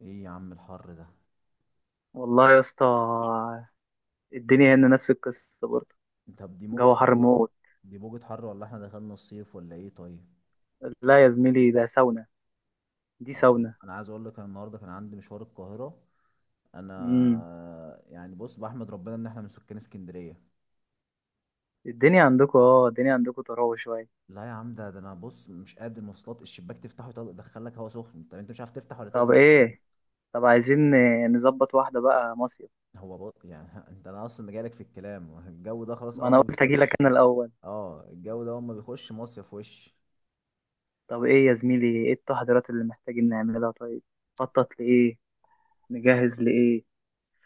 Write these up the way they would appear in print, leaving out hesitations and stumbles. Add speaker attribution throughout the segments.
Speaker 1: ايه يا عم الحر ده؟
Speaker 2: والله يا اسطى، الدنيا هنا نفس القصة برضه.
Speaker 1: طب دي موجة
Speaker 2: جو حر
Speaker 1: حر.
Speaker 2: موت.
Speaker 1: دي موجة حر ولا احنا دخلنا الصيف ولا ايه؟ طيب،
Speaker 2: لا يا زميلي، ده ساونا. دي
Speaker 1: اه انا
Speaker 2: ساونا.
Speaker 1: انا عايز اقول لك انا النهارده كان عندي مشوار القاهرة.
Speaker 2: امم.
Speaker 1: انا يعني بص، بحمد ربنا ان احنا من سكان اسكندرية.
Speaker 2: الدنيا عندكم طراوة شوية.
Speaker 1: لا يا عم، ده انا بص مش قادر، المواصلات الشباك تفتحه يدخلك هوا سخن، طب انت مش عارف تفتح ولا تقفل
Speaker 2: طب
Speaker 1: الشباك.
Speaker 2: ايه؟ طب عايزين نظبط واحدة بقى مصيف.
Speaker 1: هو بص يعني انت انا اصلا جايلك في الكلام، الجو ده خلاص
Speaker 2: ما
Speaker 1: اول ما
Speaker 2: انا قلت اجي لك
Speaker 1: بيخش.
Speaker 2: انا الاول.
Speaker 1: اه الجو ده اول ما بيخش مصيف وش.
Speaker 2: طب ايه يا زميلي؟ ايه التحضيرات اللي محتاجين نعملها طيب؟ خطط لايه؟ نجهز لايه؟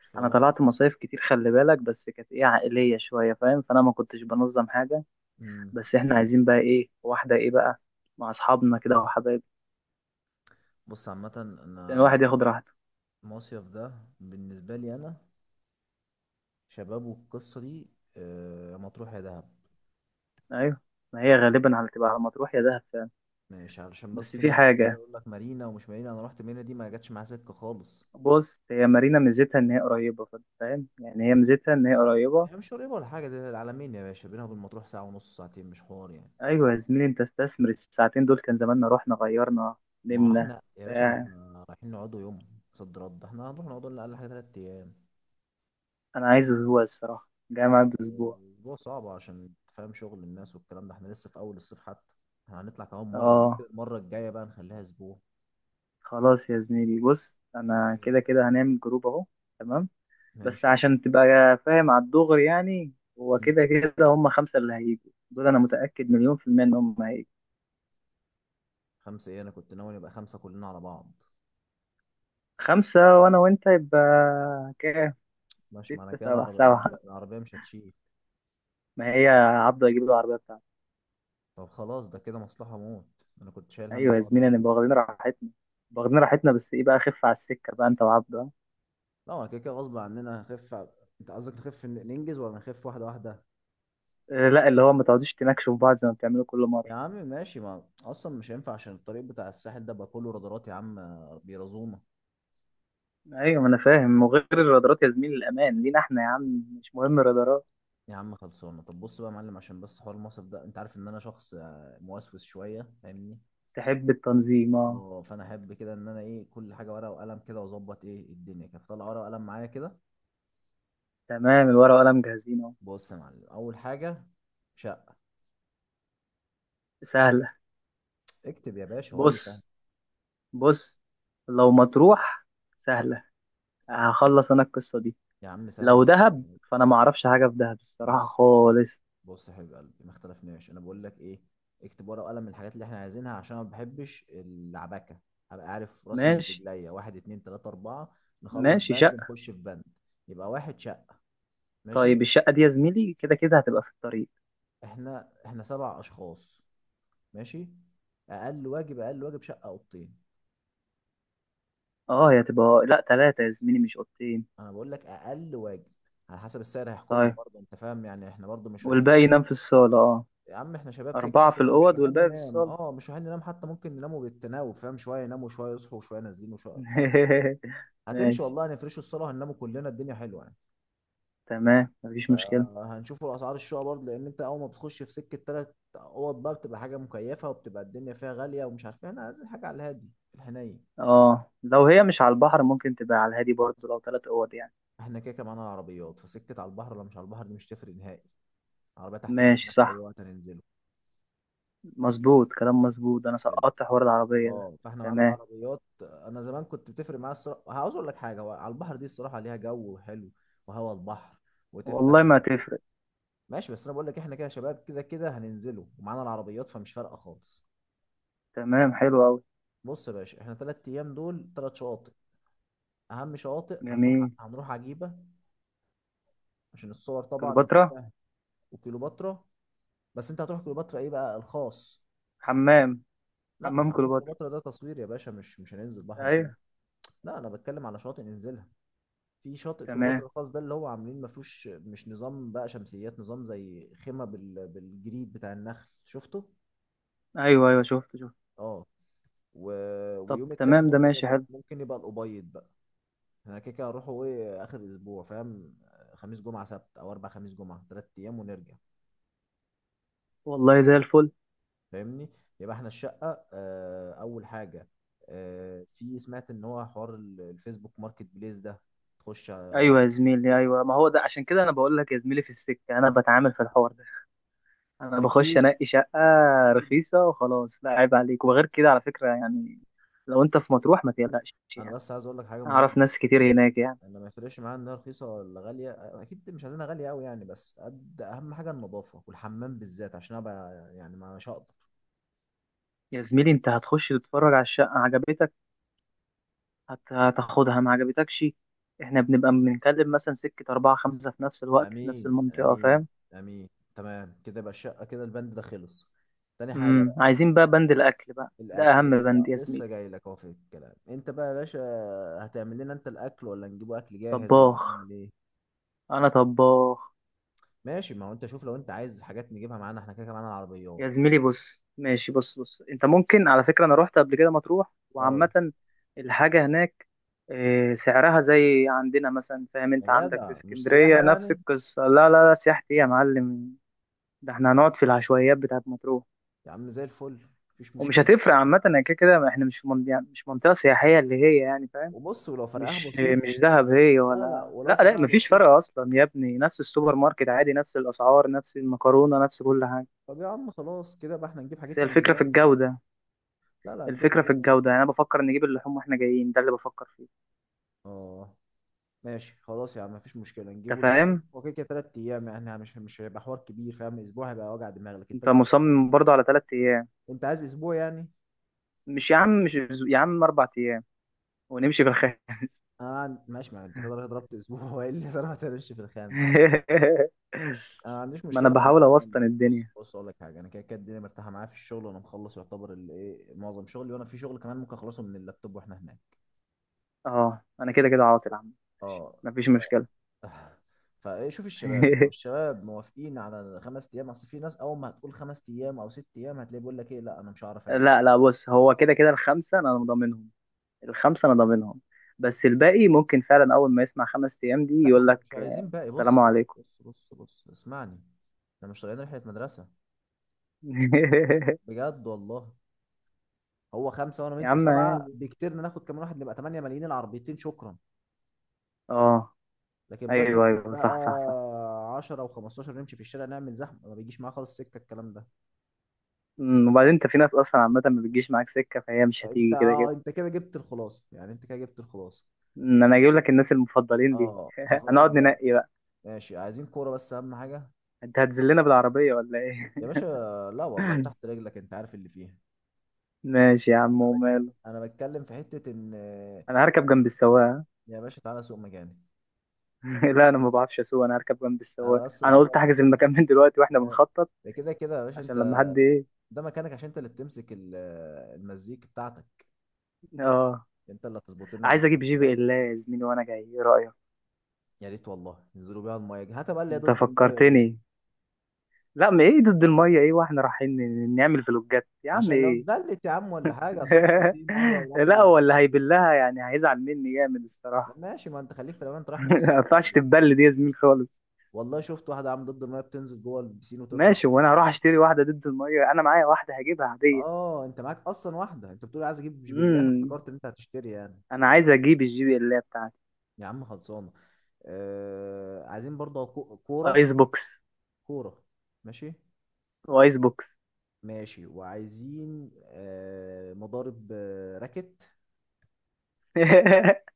Speaker 1: مش كده
Speaker 2: انا
Speaker 1: مصيف؟
Speaker 2: طلعت مصايف كتير، خلي بالك، بس كانت ايه عائلية شوية، فاهم؟ فانا ما كنتش بنظم حاجة.
Speaker 1: امم
Speaker 2: بس احنا عايزين بقى ايه واحدة ايه بقى مع اصحابنا كده وحبايبنا.
Speaker 1: بص، عامة
Speaker 2: يعني
Speaker 1: انا
Speaker 2: الواحد ياخد راحته.
Speaker 1: المصيف ده بالنسبة لي أنا شباب والقصة دي، مطروح يا دهب.
Speaker 2: ايوه. ما هي غالبا تبقى على مطروح يا دهب فعلا.
Speaker 1: مش علشان بس
Speaker 2: بس
Speaker 1: في
Speaker 2: في
Speaker 1: ناس بتفضل
Speaker 2: حاجه،
Speaker 1: يقول لك مارينا ومش مارينا، أنا رحت مارينا دي ما جاتش معايا سكة خالص.
Speaker 2: بص، هي مارينا ميزتها ان هي قريبه، فأنت فاهم؟ يعني هي ميزتها ان هي قريبه.
Speaker 1: هي مش قريبة ولا حاجة، ده العلمين يا باشا، بينها وبين مطروح ساعة ونص، ساعتين مش حوار يعني.
Speaker 2: ايوه يا زميلي، انت استثمر الساعتين دول، كان زماننا رحنا غيرنا،
Speaker 1: ما هو
Speaker 2: نمنا.
Speaker 1: احنا يا باشا ما
Speaker 2: بتاع.
Speaker 1: احنا رايحين نقعدوا يوم صد رد، احنا هنروح نقعدوا لنا أقل حاجة 3 أيام.
Speaker 2: انا عايز اسبوع الصراحه، جاي معايا باسبوع.
Speaker 1: أسبوع صعب عشان تفهم شغل الناس والكلام ده، احنا لسه في أول الصيف حتى. احنا هنطلع كمان مرة، ممكن
Speaker 2: اه.
Speaker 1: المرة الجاية بقى نخليها أسبوع.
Speaker 2: خلاص يا زميلي، بص، انا
Speaker 1: مم.
Speaker 2: كده كده هنعمل جروب اهو. تمام. بس
Speaker 1: ماشي.
Speaker 2: عشان تبقى فاهم على الدغري يعني. هو كده كده هم 5 اللي هيجوا دول، انا متاكد مليون في الميه ان هم هيجوا.
Speaker 1: خمسة ايه؟ انا كنت ناوي نبقى خمسة كلنا على بعض.
Speaker 2: 5 وأنا وأنت يبقى كام؟
Speaker 1: ماشي، معنى
Speaker 2: 6
Speaker 1: كده
Speaker 2: 7
Speaker 1: العربية العربية
Speaker 2: 7.
Speaker 1: العربية مش هتشيل.
Speaker 2: ما هي عبده هيجيب له العربية بتاعته.
Speaker 1: طب خلاص، ده كده مصلحة موت، انا كنت شايل هم
Speaker 2: أيوة يا
Speaker 1: الحوار
Speaker 2: زميلي،
Speaker 1: ده.
Speaker 2: أنا واخدين راحتنا، واخدين راحتنا، بس إيه بقى؟ خف على السكة بقى أنت وعبده.
Speaker 1: لا، هو كده كده غصب عننا هنخف انت قصدك نخف ننجز ولا نخف واحدة واحدة؟
Speaker 2: لا اللي هو ما تقعدوش تناكشوا في بعض زي ما بتعملوا كل
Speaker 1: يا
Speaker 2: مرة.
Speaker 1: عم ماشي، ما اصلا مش هينفع عشان الطريق بتاع الساحل ده بقى كله رادارات يا عم، بيرازونا.
Speaker 2: أيوة، ما أنا فاهم، وغير الرادارات يا زميلي، الأمان لينا إحنا يا عم، مش مهم الرادارات.
Speaker 1: يا عم خلصانة. طب بص بقى يا معلم، عشان بس حوار المصرف ده انت عارف ان انا شخص موسوس شوية، فاهمني.
Speaker 2: تحب التنظيم أه.
Speaker 1: اه فانا احب كده ان انا ايه، كل حاجة ورقة وقلم كده واظبط ايه الدنيا كده، فطلع ورقة وقلم معايا كده.
Speaker 2: تمام، الورقة وقلم جاهزين أهو.
Speaker 1: بص يا معلم، اول حاجه شقه.
Speaker 2: سهلة.
Speaker 1: اكتب يا باشا وقال لي سهل.
Speaker 2: بص بص، لو مطروح سهلة، هخلص أنا القصة دي.
Speaker 1: يا عم سهله
Speaker 2: لو
Speaker 1: وكل
Speaker 2: دهب،
Speaker 1: حاجه.
Speaker 2: فانا ما اعرفش حاجه في دهب الصراحه
Speaker 1: بص
Speaker 2: خالص.
Speaker 1: بص يا حبيب قلبي، ما اختلفناش، انا بقول لك ايه، اكتب ورقه وقلم الحاجات اللي احنا عايزينها عشان أنا ما بحبش العباكه. هبقى عارف راسي من
Speaker 2: ماشي.
Speaker 1: رجليا، واحد اتنين تلاته اربعه، نخلص
Speaker 2: ماشي
Speaker 1: بند
Speaker 2: شقه.
Speaker 1: نخش في بند. يبقى واحد شقه. ماشي،
Speaker 2: طيب، الشقه دي يا زميلي كده كده هتبقى في الطريق.
Speaker 1: احنا احنا 7 اشخاص، ماشي، اقل واجب، اقل واجب شقه اوضتين.
Speaker 2: اه هي هتبقى لا، 3 يا زميلي مش اوضتين.
Speaker 1: انا بقول لك اقل واجب، على حسب السعر هيحكمنا
Speaker 2: طيب
Speaker 1: برضه، انت فاهم يعني، احنا برضه مش رايحين.
Speaker 2: والباقي ينام في الصاله اه؟
Speaker 1: يا عم احنا شباب، كده كده
Speaker 2: 4 في
Speaker 1: مش
Speaker 2: الاوض
Speaker 1: رايحين
Speaker 2: والباقي في
Speaker 1: ننام،
Speaker 2: الصاله.
Speaker 1: اه مش رايحين ننام، حتى ممكن نناموا بالتناوب، فاهم؟ شويه يناموا شويه يصحوا شويه نازلين وشويه، فاهم؟ هتمشي
Speaker 2: ماشي،
Speaker 1: والله، هنفرشوا الصاله هنناموا كلنا، الدنيا حلوه يعني.
Speaker 2: تمام، مفيش مشكله.
Speaker 1: هنشوفوا اسعار الشقه برضه، لان انت اول ما بتخش في سكه 3 اوض بقى بتبقى حاجه مكيفه وبتبقى الدنيا فيها غاليه ومش عارف ايه، احنا عايزين حاجه على الهادي في الحنين.
Speaker 2: اه لو هي مش على البحر، ممكن تبقى على الهادي برضه، لو 3 اوض يعني.
Speaker 1: احنا كده كده معانا العربيات، فسكه على البحر ولا مش على البحر دي مش تفرق نهائي. العربيه تحت
Speaker 2: ماشي،
Speaker 1: رجلنا في اي
Speaker 2: صح.
Speaker 1: وقت هننزله.
Speaker 2: مظبوط، كلام مظبوط، انا
Speaker 1: حلو.
Speaker 2: سقطت حوار العربيه ده.
Speaker 1: اه فاحنا معانا
Speaker 2: تمام.
Speaker 1: العربيات، انا زمان كنت بتفرق معايا الصراحه، عاوز اقول لك حاجه، هو على البحر دي الصراحه ليها جو حلو، وهوا البحر
Speaker 2: والله
Speaker 1: وتفتح.
Speaker 2: ما تفرق.
Speaker 1: ماشي، بس انا بقول لك احنا كده شباب كده كده هننزله ومعانا العربيات، فمش فارقه خالص.
Speaker 2: تمام، حلو قوي.
Speaker 1: بص يا باشا، احنا 3 ايام دول 3 شواطئ، اهم شواطئ هنروح
Speaker 2: جميل.
Speaker 1: هنروح عجيبه، عشان الصور طبعا انت
Speaker 2: كليوباترا.
Speaker 1: فاهم. وكليوباترا. بس انت هتروح كليوباترا ايه بقى، الخاص؟
Speaker 2: حمام.
Speaker 1: لا
Speaker 2: حمام
Speaker 1: هنروح
Speaker 2: كليوباترا.
Speaker 1: كليوباترا ده تصوير يا باشا، مش هننزل بحر فيه.
Speaker 2: ايوه.
Speaker 1: لا انا بتكلم على شواطئ ننزلها. في شاطئ
Speaker 2: تمام.
Speaker 1: كليوباترا الخاص ده اللي هو عاملين ما فيهوش، مش نظام بقى شمسيات، نظام زي خيمة بالجريد بتاع النخل، شفته؟
Speaker 2: ايوه ايوه، شفت شفت.
Speaker 1: اه. و...
Speaker 2: طب
Speaker 1: ويوم
Speaker 2: تمام،
Speaker 1: التالت
Speaker 2: ده
Speaker 1: ممكن
Speaker 2: ماشي
Speaker 1: يبقى
Speaker 2: حلو.
Speaker 1: ممكن يبقى الأبيض بقى. احنا كده كده هنروحوا ايه، آخر الأسبوع فاهم، خميس جمعة سبت، أو أربع، خميس جمعة، 3 أيام ونرجع،
Speaker 2: والله زي الفل.
Speaker 1: فاهمني. يبقى احنا الشقة آه أول حاجة. آه في سمعت إن هو حوار الفيسبوك ماركت بليس ده، تخش على-.
Speaker 2: ايوه يا زميلي، ايوه، ما هو ده عشان كده انا بقول لك يا زميلي في السكه، انا بتعامل في الحوار ده. انا بخش
Speaker 1: أكيد.
Speaker 2: انقي شقه
Speaker 1: أكيد.
Speaker 2: رخيصه وخلاص، لا عيب عليك، وغير كده على فكره يعني. لو انت في مطروح ما تقلقش
Speaker 1: أنا
Speaker 2: يعني،
Speaker 1: بس عايز أقول لك حاجة مهمة،
Speaker 2: اعرف ناس كتير هناك يعني.
Speaker 1: انا ما يفرقش معايا انها رخيصه ولا غاليه، اكيد مش عايزينها غاليه قوي يعني، بس قد اهم حاجه النظافه والحمام بالذات عشان ابقى يعني، ما مش هقدر.
Speaker 2: يا زميلي، انت هتخش تتفرج على الشقه، عجبتك هتاخدها، ما عجبتكش، احنا بنبقى بنتكلم مثلا سكه 4 5 في نفس الوقت في نفس
Speaker 1: امين،
Speaker 2: المنطقه،
Speaker 1: امين،
Speaker 2: فاهم؟
Speaker 1: امين. تمام كده بقى الشقه، كده البند ده خلص. تاني حاجه بقى،
Speaker 2: عايزين بقى بند الاكل بقى، ده
Speaker 1: الاكل
Speaker 2: اهم بند
Speaker 1: لسه
Speaker 2: يا
Speaker 1: لسه
Speaker 2: زميلي.
Speaker 1: جاي لك اهو في الكلام، انت بقى يا باشا هتعمل لنا انت الاكل ولا نجيبه اكل جاهز ولا
Speaker 2: طباخ،
Speaker 1: نعمل ايه؟
Speaker 2: انا طباخ.
Speaker 1: ماشي، ما هو انت شوف، لو انت عايز حاجات نجيبها معانا، احنا كده كده معانا العربيات.
Speaker 2: يا زميلي بص، ماشي، بص بص، انت ممكن على فكره انا رحت قبل كده مطروح،
Speaker 1: اه.
Speaker 2: وعامه الحاجه هناك سعرها زي عندنا مثلا، فاهم؟
Speaker 1: يا
Speaker 2: انت عندك في
Speaker 1: جدع مش سياحه
Speaker 2: اسكندريه نفس
Speaker 1: يعني.
Speaker 2: القصه، لا لا لا، سياحتي ايه يا معلم؟ ده احنا هنقعد في العشوائيات بتاعت مطروح،
Speaker 1: يا عم زي الفل، مفيش
Speaker 2: ومش
Speaker 1: مشكله.
Speaker 2: هتفرق عامه يعني، كده كده احنا مش في يعني مش منطقه سياحيه اللي هي يعني، فاهم؟
Speaker 1: وبص، ولو فرقها
Speaker 2: مش
Speaker 1: بسيط.
Speaker 2: مش دهب هي،
Speaker 1: لا لا،
Speaker 2: ولا
Speaker 1: ولو
Speaker 2: لا لا،
Speaker 1: فرقها
Speaker 2: مفيش
Speaker 1: بسيط،
Speaker 2: فرق اصلا يا ابني، نفس السوبر ماركت عادي، نفس الاسعار، نفس المكرونه، نفس كل حاجه.
Speaker 1: طب يا عم خلاص كده بقى احنا نجيب
Speaker 2: بس هي
Speaker 1: حاجتنا من
Speaker 2: الفكره في
Speaker 1: هناك.
Speaker 2: الجوده،
Speaker 1: لا لا، هنجيب
Speaker 2: الفكره في
Speaker 1: حاجتنا.
Speaker 2: الجوده، يعني انا بفكر نجيب اللحوم واحنا جايين، ده اللي بفكر فيه.
Speaker 1: اه، ماشي خلاص يا عم، مفيش مشكلة،
Speaker 2: انت
Speaker 1: نجيبه اللحوم،
Speaker 2: فاهم؟
Speaker 1: هو كده كده 3 أيام يعني، احنا مش هيبقى حوار كبير فاهم، أسبوع هيبقى وجع دماغ، لكن
Speaker 2: انت
Speaker 1: 3 أيام يعني.
Speaker 2: مصمم برضه على 3 ايام؟
Speaker 1: أنت عايز أسبوع يعني؟
Speaker 2: مش يا عم، مش يا عم 4 ايام ونمشي في الخامس.
Speaker 1: أنا ما عن- ماشي، ما أنت كده رايح ضربت أسبوع وإيه اللي ضربت، هتمشي في الخامس. أنا ما عنديش
Speaker 2: ما انا
Speaker 1: مشكلة عامة،
Speaker 2: بحاول اوسطن
Speaker 1: أنا- بص
Speaker 2: الدنيا،
Speaker 1: بص أقول لك حاجة، أنا كده كده الدنيا مرتاحة معايا في الشغل وأنا مخلص يعتبر الإيه، معظم شغلي، وأنا في شغل كمان ممكن أخلصه من اللابتوب وإحنا هناك.
Speaker 2: اه انا كده كده عاطل يا عم.
Speaker 1: اه.
Speaker 2: ماشي، مفيش مشكله.
Speaker 1: فشوف الشباب، لو الشباب موافقين على ال5 ايام، اصل في ناس اول ما هتقول 5 ايام او 6 ايام هتلاقيه بيقول لك ايه لا انا مش هعرف اجي.
Speaker 2: لا لا بص، هو كده كده الخمسه انا مضمنهم، الخمسة أنا ضامنهم. بس الباقي ممكن فعلا أول ما يسمع 5 أيام دي
Speaker 1: لا
Speaker 2: يقول
Speaker 1: احنا
Speaker 2: لك
Speaker 1: مش عايزين باقي،
Speaker 2: السلام
Speaker 1: بص، بص،
Speaker 2: عليكم.
Speaker 1: بص، بص، بص اسمعني، احنا مش طالعين رحله مدرسه، بجد والله. هو خمسه وانا
Speaker 2: يا
Speaker 1: وانت
Speaker 2: عم
Speaker 1: سبعه،
Speaker 2: عادي.
Speaker 1: بكتير ناخد كمان واحد نبقى 8 ملايين، العربيتين شكرا.
Speaker 2: اه
Speaker 1: لكن بقى سكه
Speaker 2: أيوه أيوه،
Speaker 1: بقى
Speaker 2: صح صح صح.
Speaker 1: 10 و15 نمشي في الشارع نعمل زحمه، ما بيجيش معاه خالص سكه الكلام ده.
Speaker 2: وبعدين أنت في ناس أصلا عامة ما بتجيش معاك سكة، فهي مش
Speaker 1: انت
Speaker 2: هتيجي كده
Speaker 1: اه
Speaker 2: كده.
Speaker 1: انت كده جبت الخلاصه يعني، انت كده جبت الخلاصه.
Speaker 2: أنا هجيب لك الناس المفضلين ليه.
Speaker 1: اه فخلاص
Speaker 2: هنقعد
Speaker 1: بقى،
Speaker 2: ننقي بقى.
Speaker 1: ماشي، عايزين كورة بس أهم حاجة.
Speaker 2: أنت هتذلنا بالعربية ولا إيه؟
Speaker 1: يا باشا، لا والله تحت رجلك، أنت عارف اللي فيها.
Speaker 2: ماشي يا
Speaker 1: أنا
Speaker 2: عم
Speaker 1: بك...
Speaker 2: وماله.
Speaker 1: أنا بتكلم في حتة إن،
Speaker 2: أنا هركب جنب السواق.
Speaker 1: يا باشا تعالى سوق مكاني.
Speaker 2: ها؟ لا أنا ما بعرفش أسوق، أنا هركب جنب السواق،
Speaker 1: أنا بس
Speaker 2: أنا قلت
Speaker 1: بعرفك،
Speaker 2: أحجز المكان من دلوقتي وإحنا بنخطط
Speaker 1: ده كده كده يا باشا
Speaker 2: عشان لما
Speaker 1: أنت،
Speaker 2: حد إيه.
Speaker 1: ده مكانك عشان أنت اللي بتمسك المزيك بتاعتك،
Speaker 2: اه
Speaker 1: أنت اللي هتظبط لنا
Speaker 2: عايز
Speaker 1: بلاي
Speaker 2: اجيب
Speaker 1: ليست
Speaker 2: جي بي
Speaker 1: بقى.
Speaker 2: ال يا زميلي وانا جاي، ايه رايك؟
Speaker 1: يا ريت والله، ينزلوا بيها المية دي، هات بقى اللي هي
Speaker 2: انت
Speaker 1: ضد المية دي،
Speaker 2: فكرتني. لا ما ايه ضد الميه؟ ايه، واحنا رايحين نعمل فلوجات يا عم
Speaker 1: عشان لو
Speaker 2: ايه؟
Speaker 1: اتبلت يا عم ولا حاجة، أصل أنت ما في مية ورملة
Speaker 2: لا هو
Speaker 1: والقصة
Speaker 2: اللي
Speaker 1: دي.
Speaker 2: هيبلها يعني هيزعل مني جامد الصراحه.
Speaker 1: ماشي، ما أنت خليك في الأمان، أنت رايح
Speaker 2: ما
Speaker 1: مصيف
Speaker 2: ينفعش
Speaker 1: برضه.
Speaker 2: تتبل دي يا زميل خالص.
Speaker 1: والله شفت واحده عامله ضد الميه بتنزل جوه البسين وتطلع،
Speaker 2: ماشي، وانا
Speaker 1: ومش
Speaker 2: هروح
Speaker 1: يعني.
Speaker 2: اشتري واحده ضد الميه؟ انا معايا واحده، هجيبها عاديه.
Speaker 1: اه انت معاك اصلا واحده، انت بتقول عايز اجيب، مش بالله
Speaker 2: امم
Speaker 1: افتكرت ان انت هتشتري يعني.
Speaker 2: انا عايز اجيب الـJBL بتاعتي.
Speaker 1: يا عم خلصانه. آه عايزين برضه كوره،
Speaker 2: ايس بوكس.
Speaker 1: كوره. ماشي.
Speaker 2: وايس بوكس.
Speaker 1: ماشي. وعايزين آه مضارب، آه راكت.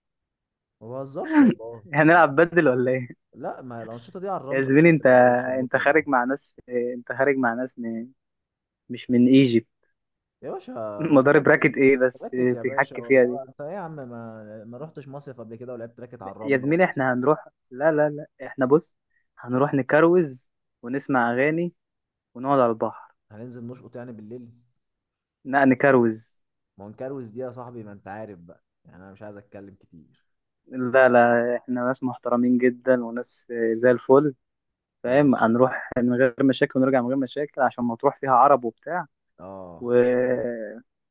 Speaker 1: ما بهزرش والله، لا.
Speaker 2: هنلعب بدل ولا ايه؟
Speaker 1: لا ما هي الانشطه دي على
Speaker 2: يا
Speaker 1: الرمله يا باشا
Speaker 2: زميلي انت
Speaker 1: بتبقى روشه موت
Speaker 2: انت
Speaker 1: والله.
Speaker 2: خارج مع ناس، انت خارج مع ناس من، مش من ايجي.
Speaker 1: يا باشا مش
Speaker 2: مدار براكت
Speaker 1: بدل،
Speaker 2: ايه بس؟
Speaker 1: راكت يا باشا،
Speaker 2: تحكي فيها
Speaker 1: والله
Speaker 2: دي؟
Speaker 1: انت ايه يا عم، ما رحتش مصيف قبل كده ولعبت راكت على
Speaker 2: يا
Speaker 1: الرمله
Speaker 2: زميلي
Speaker 1: والقصه
Speaker 2: احنا
Speaker 1: دي؟
Speaker 2: هنروح، لا لا لا احنا بص، هنروح نكروز، ونسمع اغاني، ونقعد على البحر.
Speaker 1: هننزل نشقط يعني بالليل.
Speaker 2: لا نكروز.
Speaker 1: ما هو نكروز دي يا صاحبي، ما انت عارف بقى يعني، انا مش عايز اتكلم كتير.
Speaker 2: لا لا، احنا ناس محترمين جدا وناس، زي الفل، فاهم؟
Speaker 1: ماشي.
Speaker 2: هنروح من غير مشاكل ونرجع من غير مشاكل، عشان ما تروح فيها عرب وبتاع،
Speaker 1: اه.
Speaker 2: و...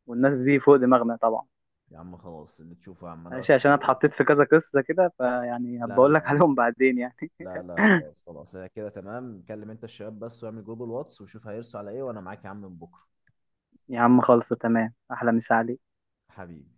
Speaker 2: والناس دي فوق دماغنا طبعا.
Speaker 1: يا عم خلاص اللي تشوفه يا عم، انا
Speaker 2: ماشي،
Speaker 1: بس
Speaker 2: عشان انا
Speaker 1: ايه.
Speaker 2: اتحطيت في كذا قصة كده فيعني
Speaker 1: لا لا
Speaker 2: هبقول لك
Speaker 1: لا.
Speaker 2: عليهم بعدين يعني.
Speaker 1: لا لا، خلاص خلاص، هي كده تمام، كلم انت الشباب بس واعمل جروب الواتس وشوف هيرسوا على ايه، وانا معاك يا عم من بكره.
Speaker 2: يا عم خلصوا، تمام، احلى مسا عليك.
Speaker 1: حبيبي.